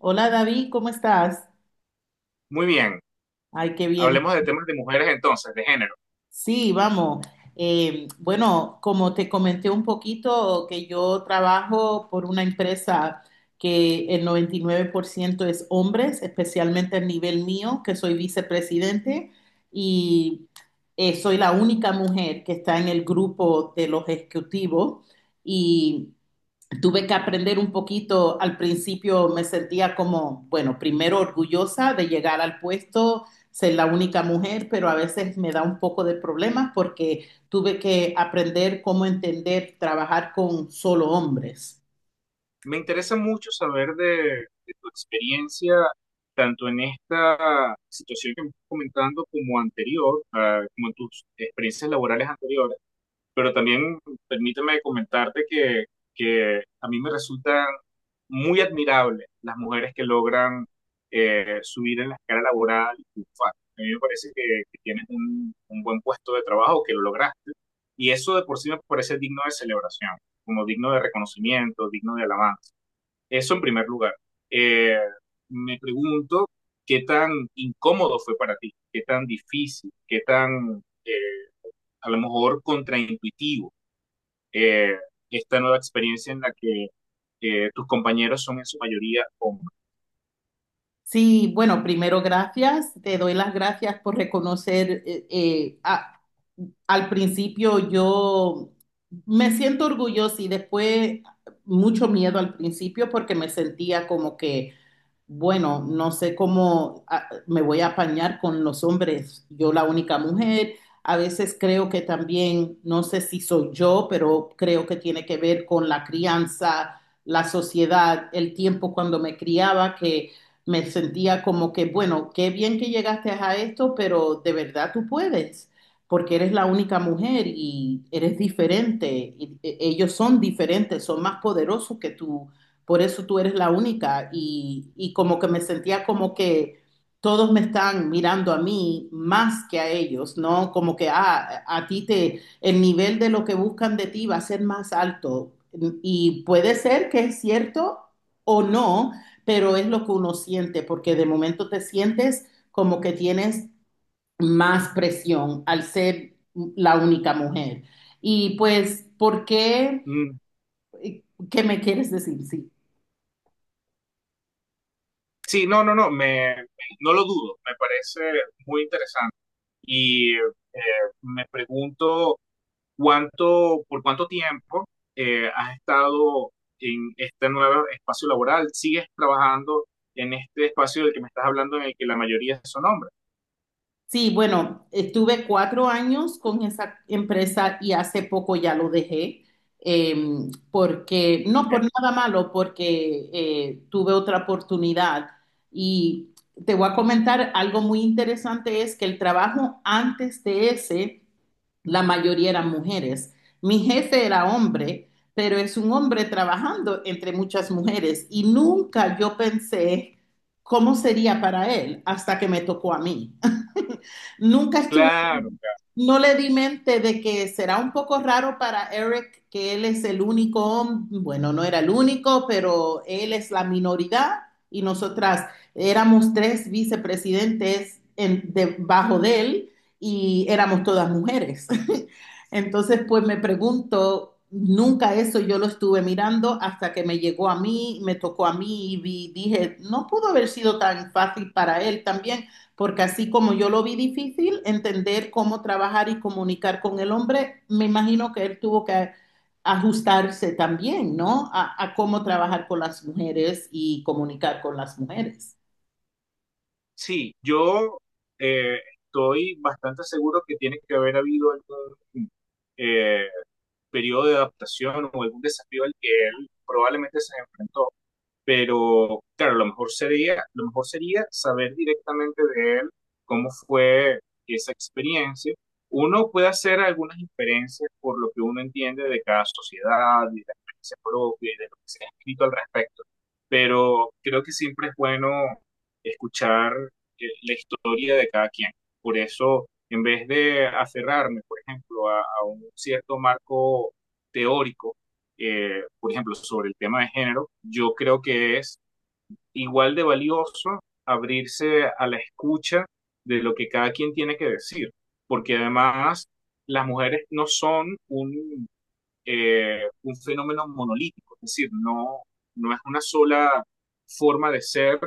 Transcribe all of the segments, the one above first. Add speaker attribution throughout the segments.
Speaker 1: Hola David, ¿cómo estás?
Speaker 2: Muy bien,
Speaker 1: Ay, qué bien.
Speaker 2: hablemos de temas de mujeres entonces, de género.
Speaker 1: Sí, vamos. Bueno, como te comenté un poquito, que yo trabajo por una empresa que el 99% es hombres, especialmente al nivel mío, que soy vicepresidente y soy la única mujer que está en el grupo de los ejecutivos y tuve que aprender un poquito. Al principio me sentía como, bueno, primero orgullosa de llegar al puesto, ser la única mujer, pero a veces me da un poco de problemas porque tuve que aprender cómo entender trabajar con solo hombres.
Speaker 2: Me interesa mucho saber de tu experiencia, tanto en esta situación que me estás comentando como anterior, como en tus experiencias laborales anteriores. Pero también permíteme comentarte que a mí me resultan muy admirables las mujeres que logran subir en la escala laboral y triunfar. A mí me parece que tienes un buen puesto de trabajo, que lo lograste, y eso de por sí me parece digno de celebración, como digno de reconocimiento, digno de alabanza. Eso en primer lugar. Eh, Me pregunto qué tan incómodo fue para ti, qué tan difícil, qué tan a lo mejor contraintuitivo eh, esta nueva experiencia en la que tus compañeros son en su mayoría hombres.
Speaker 1: Sí, bueno, primero gracias, te doy las gracias por reconocer, al principio yo me siento orgullosa y después mucho miedo al principio porque me sentía como que bueno, no sé cómo me voy a apañar con los hombres, yo la única mujer. A veces creo que también, no sé si soy yo, pero creo que tiene que ver con la crianza, la sociedad, el tiempo cuando me criaba, que me sentía como que, bueno, qué bien que llegaste a esto, pero de verdad tú puedes, porque eres la única mujer y eres diferente. Y, ellos son diferentes, son más poderosos que tú, por eso tú eres la única, y como que me sentía como que todos me están mirando a mí más que a ellos, ¿no? Como que a ti te, el nivel de lo que buscan de ti va a ser más alto y puede ser que es cierto o no, pero es lo que uno siente porque de momento te sientes como que tienes más presión al ser la única mujer. Y pues, ¿por qué?
Speaker 2: Mm,
Speaker 1: ¿Qué me quieres decir? Sí.
Speaker 2: sí, me, no lo dudo, me parece muy interesante y me pregunto cuánto, por cuánto tiempo has estado en este nuevo espacio laboral, sigues trabajando en este espacio del que me estás hablando en el que la mayoría son hombres.
Speaker 1: Sí, bueno, estuve 4 años con esa empresa y hace poco ya lo dejé, eh, porque, no por
Speaker 2: Okay.
Speaker 1: nada malo, porque tuve otra oportunidad. Y te voy a comentar algo muy interesante, es que el trabajo antes de ese, la mayoría eran mujeres. Mi jefe era hombre, pero es un hombre trabajando entre muchas mujeres y nunca yo pensé cómo sería para él hasta que me tocó a mí. Nunca estuve,
Speaker 2: Claro.
Speaker 1: no le di mente de que será un poco raro para Eric que él es el único, bueno, no era el único, pero él es la minoridad y nosotras éramos 3 vicepresidentes debajo de él y éramos todas mujeres. Entonces, pues me pregunto, nunca eso yo lo estuve mirando hasta que me llegó a mí, me tocó a mí y dije, no pudo haber sido tan fácil para él también, porque así como yo lo vi difícil, entender cómo trabajar y comunicar con el hombre, me imagino que él tuvo que ajustarse también, ¿no? A cómo trabajar con las mujeres y comunicar con las mujeres.
Speaker 2: Sí, yo eh, estoy bastante seguro que tiene que haber habido algún eh, periodo de adaptación o algún desafío al que él probablemente se enfrentó, pero claro, lo mejor sería saber directamente de él cómo fue esa experiencia. Uno puede hacer algunas inferencias por lo que uno entiende de cada sociedad y de la experiencia propia y de lo que se ha escrito al respecto, pero creo que siempre es bueno escuchar la historia de cada quien. Por eso, en vez de aferrarme, por ejemplo, a un cierto marco teórico, por ejemplo, sobre el tema de género, yo creo que es igual de valioso abrirse a la escucha de lo que cada quien tiene que decir, porque además las mujeres no son un fenómeno monolítico, es decir, no, no es una sola forma de ser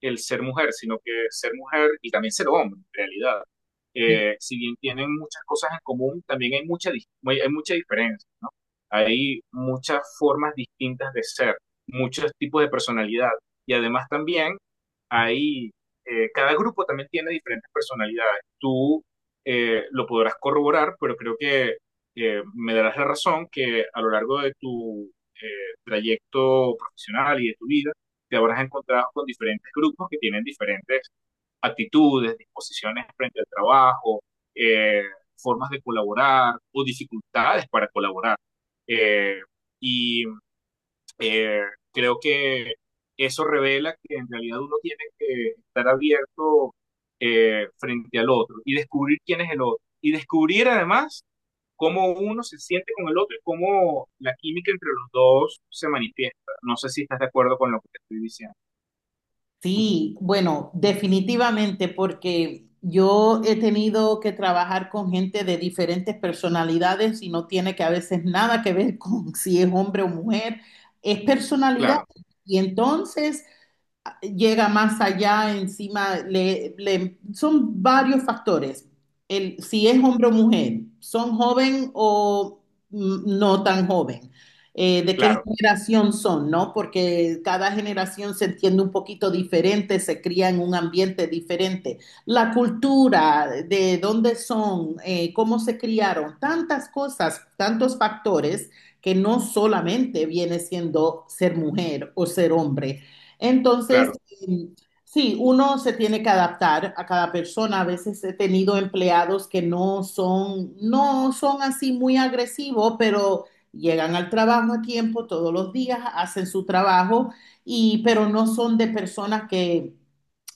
Speaker 2: el ser mujer, sino que ser mujer y también ser hombre, en realidad. Si bien tienen muchas cosas en común, también hay hay mucha diferencia, ¿no? Hay muchas formas distintas de ser, muchos tipos de personalidad. Y además también hay, cada grupo también tiene diferentes personalidades. Tú lo podrás corroborar, pero creo que me darás la razón que a lo largo de tu eh, trayecto profesional y de tu vida, te habrás encontrado con diferentes grupos que tienen diferentes actitudes, disposiciones frente al trabajo, eh, formas de colaborar o dificultades para colaborar. Eh, y eh, creo que eso revela que en realidad uno tiene que estar abierto frente al otro y descubrir quién es el otro. Y descubrir además cómo uno se siente con el otro y cómo la química entre los dos se manifiesta. No sé si estás de acuerdo con lo que te estoy diciendo.
Speaker 1: Sí, bueno, definitivamente, porque yo he tenido que trabajar con gente de diferentes personalidades y no tiene que a veces nada que ver con si es hombre o mujer, es personalidad.
Speaker 2: Claro,
Speaker 1: Y entonces llega más allá, encima, son varios factores. El, si es hombre o mujer, son joven o no tan joven. De qué
Speaker 2: claro,
Speaker 1: generación son, ¿no? Porque cada generación se entiende un poquito diferente, se cría en un ambiente diferente. La cultura, de dónde son, cómo se criaron, tantas cosas, tantos factores que no solamente viene siendo ser mujer o ser hombre, entonces,
Speaker 2: claro,
Speaker 1: mm, sí, uno se tiene que adaptar a cada persona. A veces he tenido empleados que no son así muy agresivos, pero llegan al trabajo a tiempo todos los días, hacen su trabajo, y, pero no son de personas que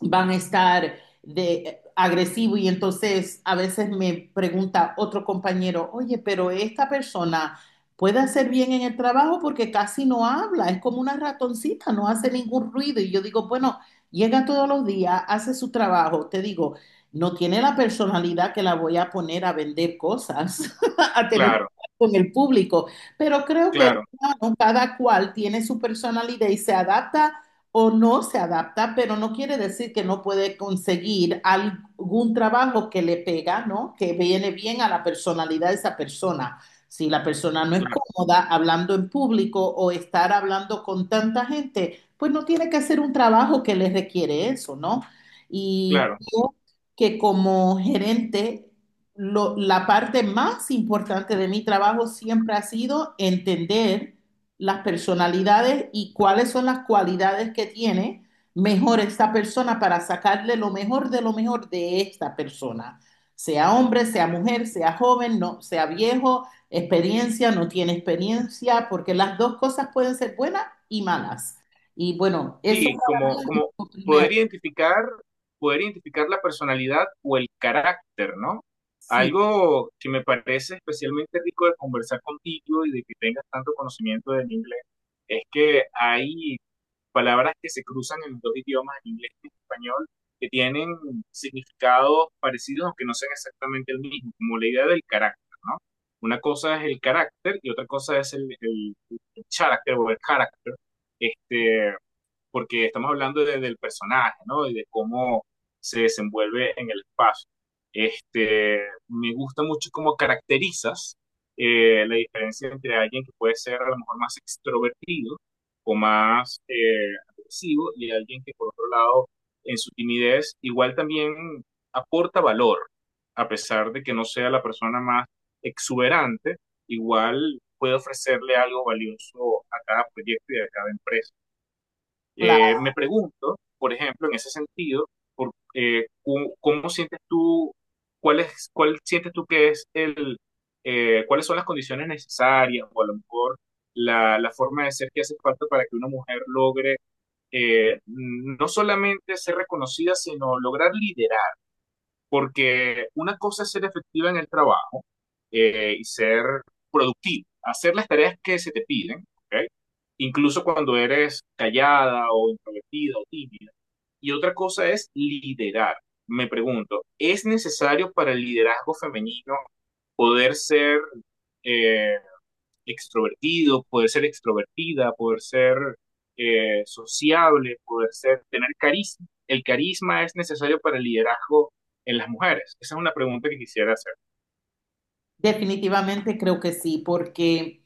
Speaker 1: van a estar de agresivo y entonces a veces me pregunta otro compañero, oye, pero esta persona puede hacer bien en el trabajo porque casi no habla, es como una ratoncita, no hace ningún ruido. Y yo digo, bueno, llega todos los días, hace su trabajo, te digo, no tiene la personalidad que la voy a poner a vender cosas, a tener que
Speaker 2: claro,
Speaker 1: hablar con el público, pero creo que el
Speaker 2: claro,
Speaker 1: humano, cada cual tiene su personalidad y se adapta o no se adapta, pero no quiere decir que no puede conseguir algún trabajo que le pega, ¿no? Que viene bien a la personalidad de esa persona. Si la persona no es
Speaker 2: claro,
Speaker 1: cómoda hablando en público o estar hablando con tanta gente, pues no tiene que hacer un trabajo que le requiere eso, ¿no? Y
Speaker 2: claro.
Speaker 1: creo que como gerente, lo- la parte más importante de mi trabajo siempre ha sido entender las personalidades y cuáles son las cualidades que tiene mejor esta persona para sacarle lo mejor de esta persona, sea hombre, sea mujer, sea joven, no, sea viejo, experiencia, no tiene experiencia, porque las dos cosas pueden ser buenas y malas. Y bueno, eso
Speaker 2: Sí,
Speaker 1: para mí es
Speaker 2: como
Speaker 1: lo primero.
Speaker 2: poder identificar, poder identificar la personalidad o el carácter, ¿no?
Speaker 1: Sí,
Speaker 2: Algo que me parece especialmente rico de conversar contigo y de que tengas tanto conocimiento del inglés es que hay palabras que se cruzan en los dos idiomas, en inglés y en español, que tienen significados parecidos, aunque no sean exactamente el mismo, como la idea del carácter, ¿no? Una cosa es el carácter y otra cosa es el character o el carácter, este, porque estamos hablando del personaje, ¿no? Y de cómo se desenvuelve en el espacio. Este, me gusta mucho cómo caracterizas la diferencia entre alguien que puede ser a lo mejor más extrovertido o más agresivo y alguien que por otro lado en su timidez igual también aporta valor, a pesar de que no sea la persona más exuberante, igual puede ofrecerle algo valioso a cada proyecto y a cada empresa.
Speaker 1: claro,
Speaker 2: Me pregunto, por ejemplo, en ese sentido, ¿cómo, sientes tú, cuál sientes tú que es cuáles son las condiciones necesarias o a lo mejor la forma de ser que hace falta para que una mujer logre no solamente ser reconocida, sino lograr liderar? Porque una cosa es ser efectiva en el trabajo y ser productivo, hacer las tareas que se te piden, ¿ok? Incluso cuando eres callada o introvertida o tímida. Y otra cosa es liderar. Me pregunto, ¿es necesario para el liderazgo femenino poder ser eh, extrovertido, poder ser extrovertida, poder ser sociable, poder ser, tener carisma? ¿El carisma es necesario para el liderazgo en las mujeres? Esa es una pregunta que quisiera hacer.
Speaker 1: definitivamente creo que sí, porque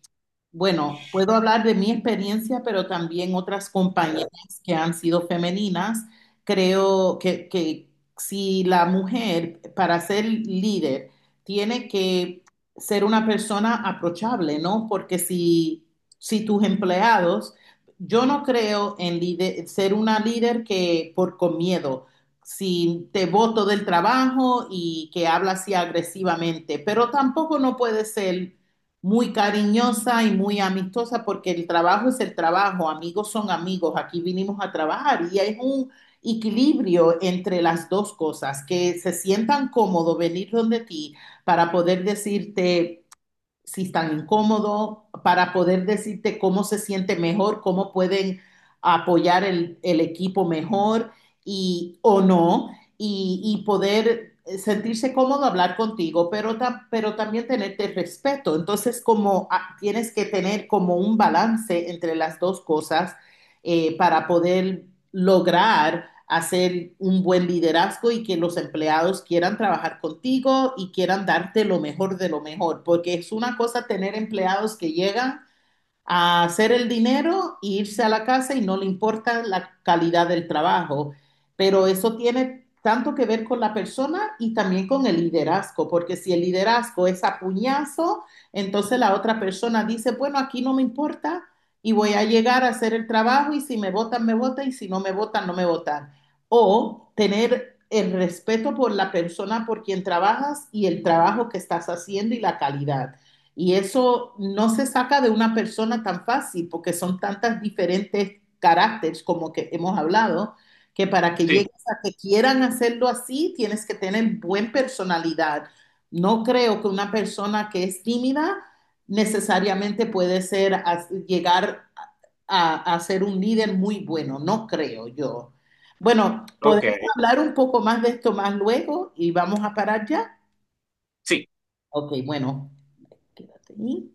Speaker 1: bueno, puedo hablar de mi experiencia, pero también otras compañeras que han sido femeninas. Creo que si la mujer, para ser líder, tiene que ser una persona aprochable, ¿no? Porque si tus empleados, yo no creo en ser una líder que por con miedo, si te voto del trabajo y que habla así agresivamente, pero tampoco no puede ser muy cariñosa y muy amistosa porque el trabajo es el trabajo, amigos son amigos, aquí vinimos a trabajar y es un equilibrio entre las dos cosas, que se sientan cómodos venir donde ti para poder decirte si están incómodos, para poder decirte cómo se siente mejor, cómo pueden apoyar el equipo mejor, y, o no, y poder sentirse cómodo hablar contigo, pero, pero también tenerte respeto. Entonces, como tienes que tener como un balance entre las dos cosas, para poder lograr hacer un buen liderazgo y que los empleados quieran trabajar contigo y quieran darte lo mejor de lo mejor, porque es una cosa tener empleados que llegan a hacer el dinero e irse a la casa y no le importa la calidad del trabajo. Pero eso tiene tanto que ver con la persona y también con el liderazgo, porque si el liderazgo es a puñazo, entonces la otra persona dice, bueno, aquí no me importa y voy a llegar a hacer el trabajo y si me votan, me votan y si no me votan, no me votan. O tener el respeto por la persona por quien trabajas y el trabajo que estás haciendo y la calidad. Y eso no se saca de una persona tan fácil, porque son tantas diferentes caracteres como que hemos hablado, que para que
Speaker 2: Sí,
Speaker 1: llegues a que quieran hacerlo así, tienes que tener buena personalidad. No creo que una persona que es tímida necesariamente puede ser, llegar a ser un líder muy bueno, no creo yo. Bueno,
Speaker 2: ok,
Speaker 1: podemos hablar un poco más de esto más luego y vamos a parar ya.
Speaker 2: sí.
Speaker 1: Ok, bueno. Sí.